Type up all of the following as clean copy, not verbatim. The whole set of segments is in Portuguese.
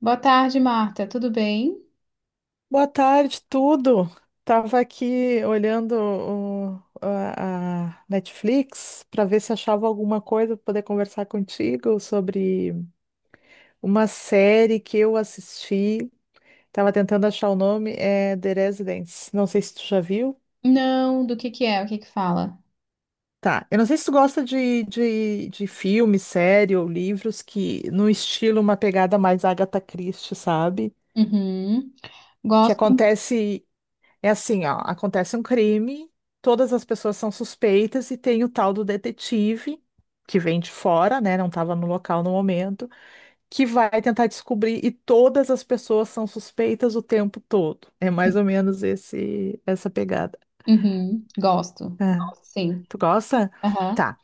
Boa tarde, Marta. Tudo bem? Boa tarde, tudo. Tava aqui olhando a Netflix para ver se achava alguma coisa para poder conversar contigo sobre uma série que eu assisti. Tava tentando achar o nome, é The Residence. Não sei se tu já viu. Não, do que é? O que que fala? Tá, eu não sei se tu gosta de filme, série ou livros que no estilo uma pegada mais Agatha Christie, sabe? Uhum. Que Gosto. acontece É assim, ó, acontece um crime, todas as pessoas são suspeitas e tem o tal do detetive que vem de fora, né, não estava no local no momento, que vai tentar descobrir e todas as pessoas são suspeitas o tempo todo. É mais ou menos esse essa pegada. Uhum. Gosto. É. Gosto, sim. Tu gosta? Aham. Tá.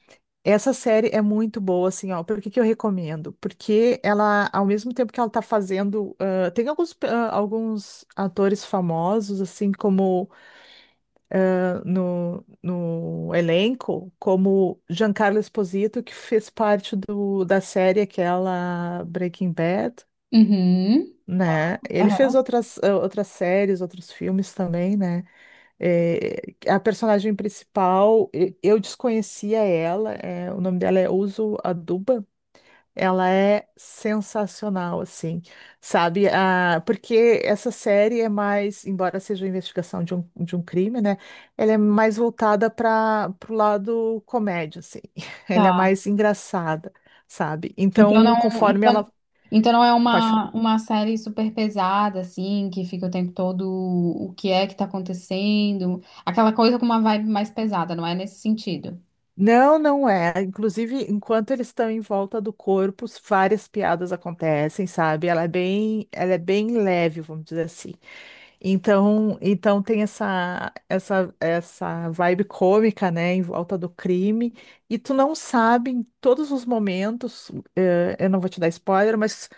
Essa série é muito boa, assim, ó. Por que que eu recomendo? Porque ela, ao mesmo tempo que ela tá fazendo, tem alguns, alguns atores famosos, assim, como no elenco como Giancarlo Esposito, que fez parte da série aquela Breaking Bad, Uhum. né? Ele fez Aham. outras, outras séries, outros filmes também, né? A personagem principal, eu desconhecia ela, o nome dela é Uso Aduba, ela é sensacional, assim, sabe? Ah, porque essa série é mais, embora seja uma investigação de um crime, né? Ela é mais voltada para o lado comédia, assim. Ela é Tá. mais engraçada, sabe? Então não, Então, conforme então, ela então não é Pode falar. uma série super pesada, assim, que fica o tempo todo o que é que tá acontecendo. Aquela coisa com uma vibe mais pesada, não é nesse sentido. Não, não é. Inclusive, enquanto eles estão em volta do corpo, várias piadas acontecem, sabe? Ela é bem leve, vamos dizer assim. Então, então tem essa vibe cômica, né, em volta do crime, e tu não sabe em todos os momentos, eu não vou te dar spoiler, mas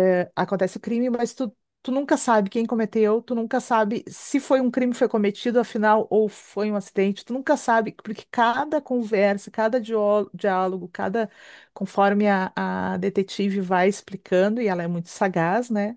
acontece o crime, mas tu nunca sabe quem cometeu, tu nunca sabe se foi um crime que foi cometido, afinal, ou foi um acidente, tu nunca sabe, porque cada conversa, diálogo, cada, conforme a detetive vai explicando, e ela é muito sagaz, né?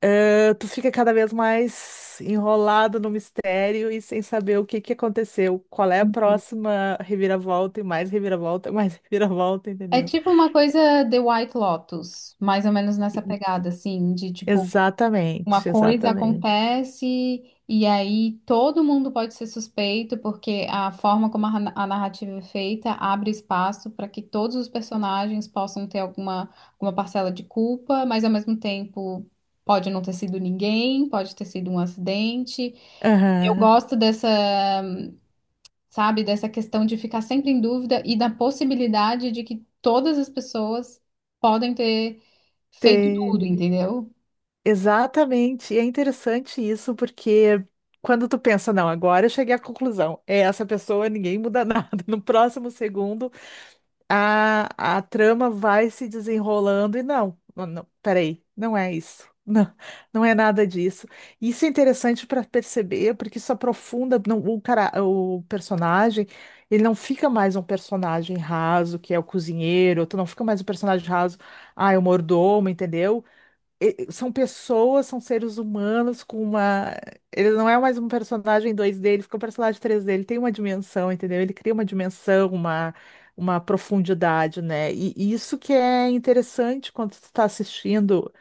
Tu fica cada vez mais enrolado no mistério e sem saber o que que aconteceu, qual é a Uhum. próxima reviravolta e mais reviravolta, mais reviravolta, É entendeu? tipo uma coisa The White Lotus, mais ou menos nessa pegada, assim, de tipo, Exatamente, uma coisa exatamente. acontece e aí todo mundo pode ser suspeito, porque a forma como a narrativa é feita abre espaço para que todos os personagens possam ter alguma, alguma parcela de culpa, mas ao mesmo tempo pode não ter sido ninguém, pode ter sido um acidente. Eu Aham. gosto dessa, sabe, dessa questão de ficar sempre em dúvida e da possibilidade de que todas as pessoas podem ter feito tudo, Te- entendeu? Exatamente. E é interessante isso, porque quando tu pensa, não, agora eu cheguei à conclusão, é essa pessoa, ninguém muda nada. No próximo segundo, a, a trama vai se desenrolando e não, não, não, peraí, não é isso. Não, não é nada disso. Isso é interessante para perceber, porque isso aprofunda não, o cara, o personagem, ele não fica mais um personagem raso, que é o cozinheiro, tu não fica mais um personagem raso, ah, é o mordomo, entendeu? São pessoas, são seres humanos com uma. Ele não é mais um personagem 2D, ele fica um personagem 3D, ele tem uma dimensão, entendeu? Ele cria uma dimensão, uma profundidade, né? E isso que é interessante quando tu tá assistindo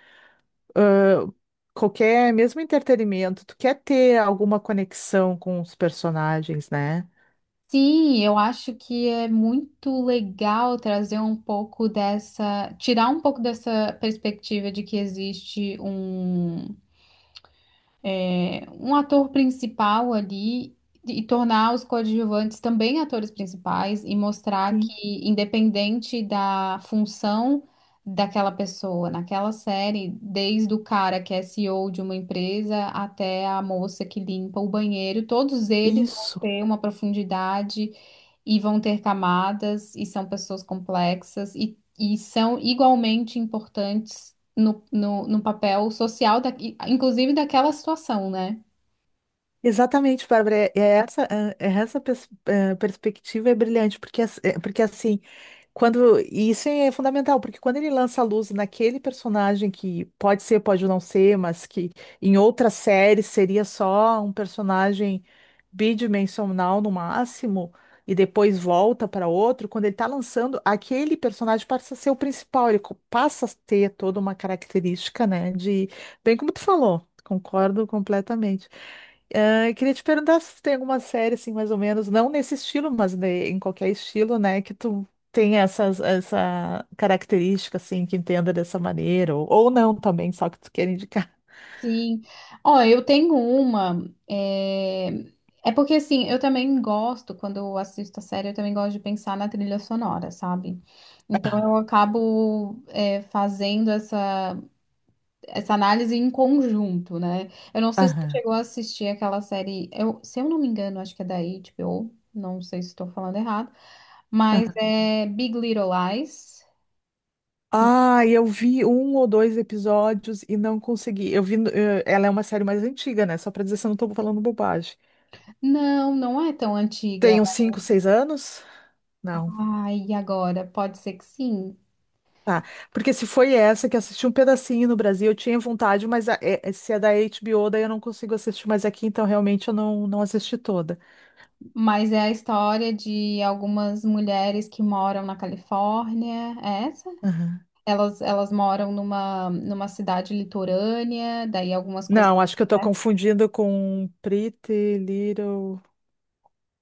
eh, qualquer, mesmo entretenimento, tu quer ter alguma conexão com os personagens, né? Sim, eu acho que é muito legal trazer um pouco dessa, tirar um pouco dessa perspectiva de que existe um um ator principal ali e tornar os coadjuvantes também atores principais e mostrar Sim, que, independente da função daquela pessoa naquela série, desde o cara que é CEO de uma empresa até a moça que limpa o banheiro, todos eles vão isso. ter uma profundidade e vão ter camadas e são pessoas complexas e são igualmente importantes no papel social, da, inclusive daquela situação, né? Exatamente, Bárbara. É essa perspectiva é brilhante, porque, porque assim, quando, e isso é fundamental, porque quando ele lança a luz naquele personagem que pode ser, pode não ser, mas que em outra série seria só um personagem bidimensional no máximo, e depois volta para outro, quando ele está lançando, aquele personagem passa a ser o principal, passa a ter toda uma característica, né, de, bem como tu falou, concordo completamente, ah, eu queria te perguntar se tu tem alguma série, assim, mais ou menos, não nesse estilo, mas em qualquer estilo, né, que tu tem essa característica, assim, que entenda dessa maneira, ou não também, só que tu quer indicar. Sim. Ó, eu tenho uma. É... é porque, assim, eu também gosto, quando eu assisto a série, eu também gosto de pensar na trilha sonora, sabe? Então, eu acabo fazendo essa, essa análise em conjunto, né? Eu não sei se você Aham, chegou a assistir aquela série, eu, se eu não me engano, acho que é da HBO, não sei se estou falando errado, mas aham. é Big Little Lies. Ah, eu vi um ou dois episódios e não consegui. Eu vi, no- eh, Ela é uma série mais antiga, né? Só pra dizer se eu não tô falando bobagem. Não, não é tão antiga. Tem uns cinco, seis anos? Não. Ai, e agora? Pode ser que sim, Tá. Porque se foi essa que assisti um pedacinho no Brasil, eu tinha vontade, mas se é da HBO, daí eu não consigo assistir mais aqui, então realmente eu não, não assisti toda. mas é a história de algumas mulheres que moram na Califórnia, é essa? Aham. Elas moram numa cidade litorânea, daí algumas coisas Não, acho que eu tô acontecem. confundindo com Pretty Little.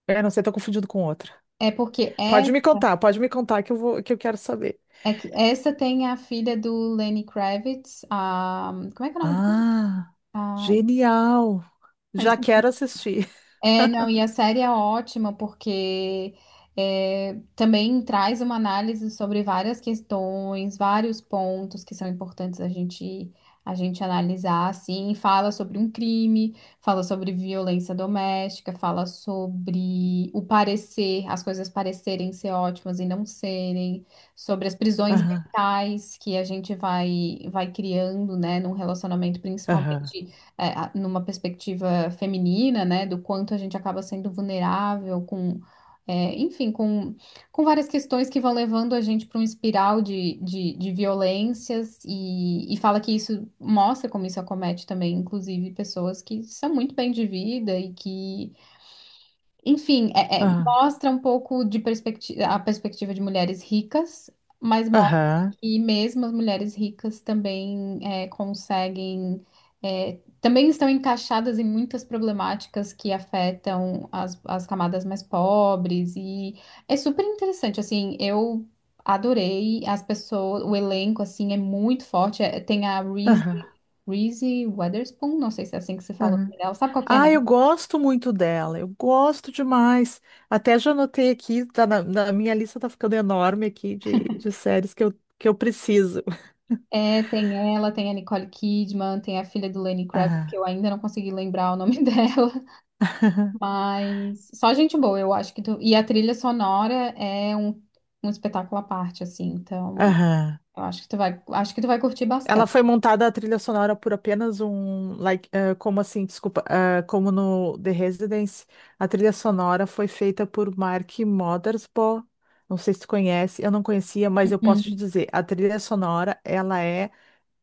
É, não sei, tô confundindo com outra. É porque é, Pode me contar que eu vou, que eu quero saber. é que essa tem a filha do Lenny Kravitz, a, como é que é o nome dela? Ah, Ai, genial! eu Já esqueci. quero assistir. É, não, e a série é ótima porque também traz uma análise sobre várias questões, vários pontos que são importantes a gente analisar, assim, fala sobre um crime, fala sobre violência doméstica, fala sobre o parecer, as coisas parecerem ser ótimas e não serem, sobre as prisões Aham, mentais que a gente vai criando, né, num relacionamento aham, principalmente numa perspectiva feminina, né, do quanto a gente acaba sendo vulnerável com, enfim, com várias questões que vão levando a gente para um espiral de violências e fala que isso mostra como isso acomete também, inclusive, pessoas que são muito bem de vida e que enfim, aham, mostra um pouco de perspectiva, a perspectiva de mulheres ricas, mas mostra aham, que mesmo as mulheres ricas também conseguem, também estão encaixadas em muitas problemáticas que afetam as, as camadas mais pobres, e é super interessante, assim, eu adorei as pessoas, o elenco, assim, é muito forte, tem a Reese, aham, Reese Witherspoon, não sei se é assim que se fala o aham. nome dela, sabe qual que é, Ah, né? eu gosto muito dela, eu gosto demais. Até já anotei aqui, tá na minha lista tá ficando enorme aqui de séries que que eu preciso. É, tem ela, tem a Nicole Kidman, tem a filha do Lenny Kravitz, Aham, que eu ainda não consegui lembrar o nome dela, mas só gente boa, eu acho que tu... E a trilha sonora é um, um espetáculo à parte, assim, então aham. eu acho que tu vai, acho que tu vai curtir Ela bastante. foi montada a trilha sonora por apenas um, like, eh, como assim, desculpa, eh, como no The Residence, a trilha sonora foi feita por Mark Mothersbaugh. Não sei se tu conhece, eu não conhecia, mas eu posso te Uhum, dizer, a trilha sonora, ela é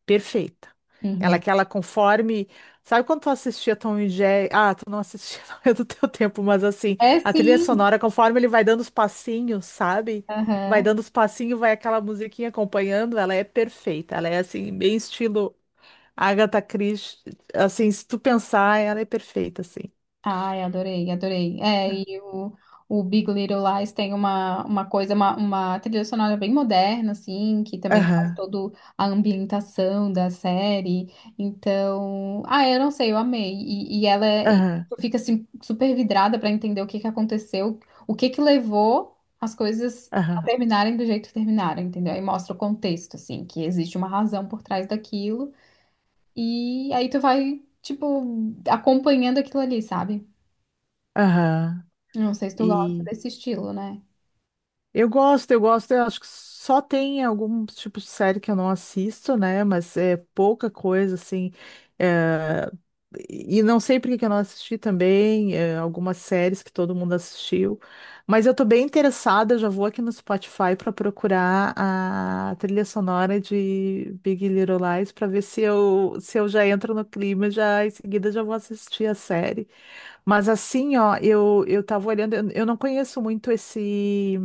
perfeita. Ela uhum. que ela conforme. Sabe quando tu assistia Tom e Jerry? Ah, tu não assistia, não é do teu tempo, mas assim, É a trilha sim. sonora, conforme ele vai dando os passinhos, sabe? Vai Aham. dando os passinhos, vai aquela musiquinha acompanhando, ela é perfeita. Ela é assim, bem estilo Agatha Christie. Assim, se tu pensar, ela é perfeita, assim. Ai, adorei, adorei. É, o Big Little Lies tem uma coisa, uma trilha sonora bem moderna, assim, que também faz Aham, toda a ambientação da série. Então, ah, eu não sei, eu amei. E e aham, tu fica assim, super vidrada pra entender o que que aconteceu, o que que levou as coisas a aham, terminarem do jeito que terminaram, entendeu? Aí mostra o contexto, assim, que existe uma razão por trás daquilo. E aí tu vai, tipo, acompanhando aquilo ali, sabe? aham. Não sei se tu gosta E desse estilo, né? Eu gosto, eu gosto. Eu acho que só tem algum tipo de série que eu não assisto, né? Mas é pouca coisa, assim. eh, E não sei por que que eu não assisti também, algumas séries que todo mundo assistiu. Mas eu tô bem interessada, já vou aqui no Spotify para procurar a trilha sonora de Big Little Lies para ver se eu já entro no clima, já em seguida já vou assistir a série. Mas assim, ó, eu tava olhando, eu não conheço muito esse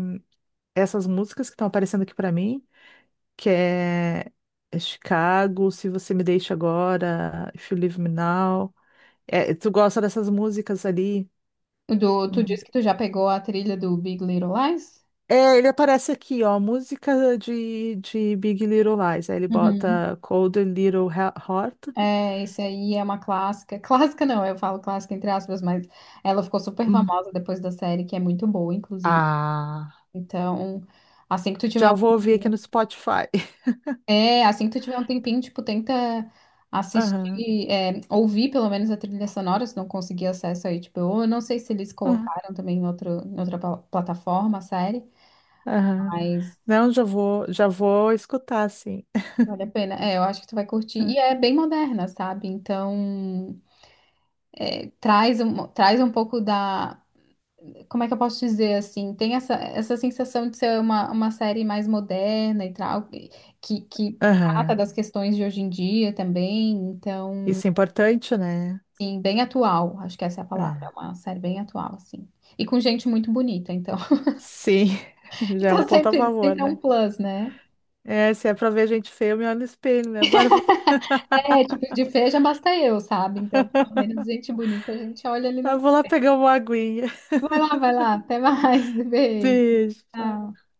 essas músicas que estão aparecendo aqui pra mim, que é é Chicago, Se Você Me Deixa Agora, If You Leave Me Now. É, tu gosta dessas músicas ali? O Do, tu Uhum. disse que tu já pegou a trilha do Big Little Lies? É, ele aparece aqui, ó, música de Big Little Lies. Aí ele Uhum. bota Cold Little Heart. É, esse aí é uma clássica. Clássica não, eu falo clássica entre aspas, mas ela ficou super Hum. famosa depois da série, que é muito boa, inclusive. Ah, Então, assim que tu tiver já um vou ouvir aqui tempinho, no Spotify. Assim que tu tiver um tempinho, tipo, tenta Aham, assistir, ouvir pelo menos a trilha sonora, se não conseguir acesso aí, tipo, eu não sei se eles aham, colocaram também em outro, em outra plataforma a série, aham. mas Não, já vou escutar, sim. vale a pena. É, eu acho que tu vai curtir. E é bem moderna, sabe? Então, é, traz um pouco da. Como é que eu posso dizer assim? Tem essa, essa sensação de ser uma série mais moderna e tal, que trata Aham. das questões de hoje em dia também. Então, Isso é importante, né? sim, bem atual. Acho que essa é a palavra. É É. uma série bem atual, assim. E com gente muito bonita, então. Sim, já é um Então, ponto a sempre, favor, sempre é um né? plus, né? É, se é pra ver gente feia, eu me olho no espelho, né, Bárbara? É, tipo, de feia já basta eu, sabe? Então, pelo menos gente bonita a gente olha ali Eu na vou lá pegar uma aguinha. Vai lá, vai lá. Até mais. Beijo. Beijo. Tchau.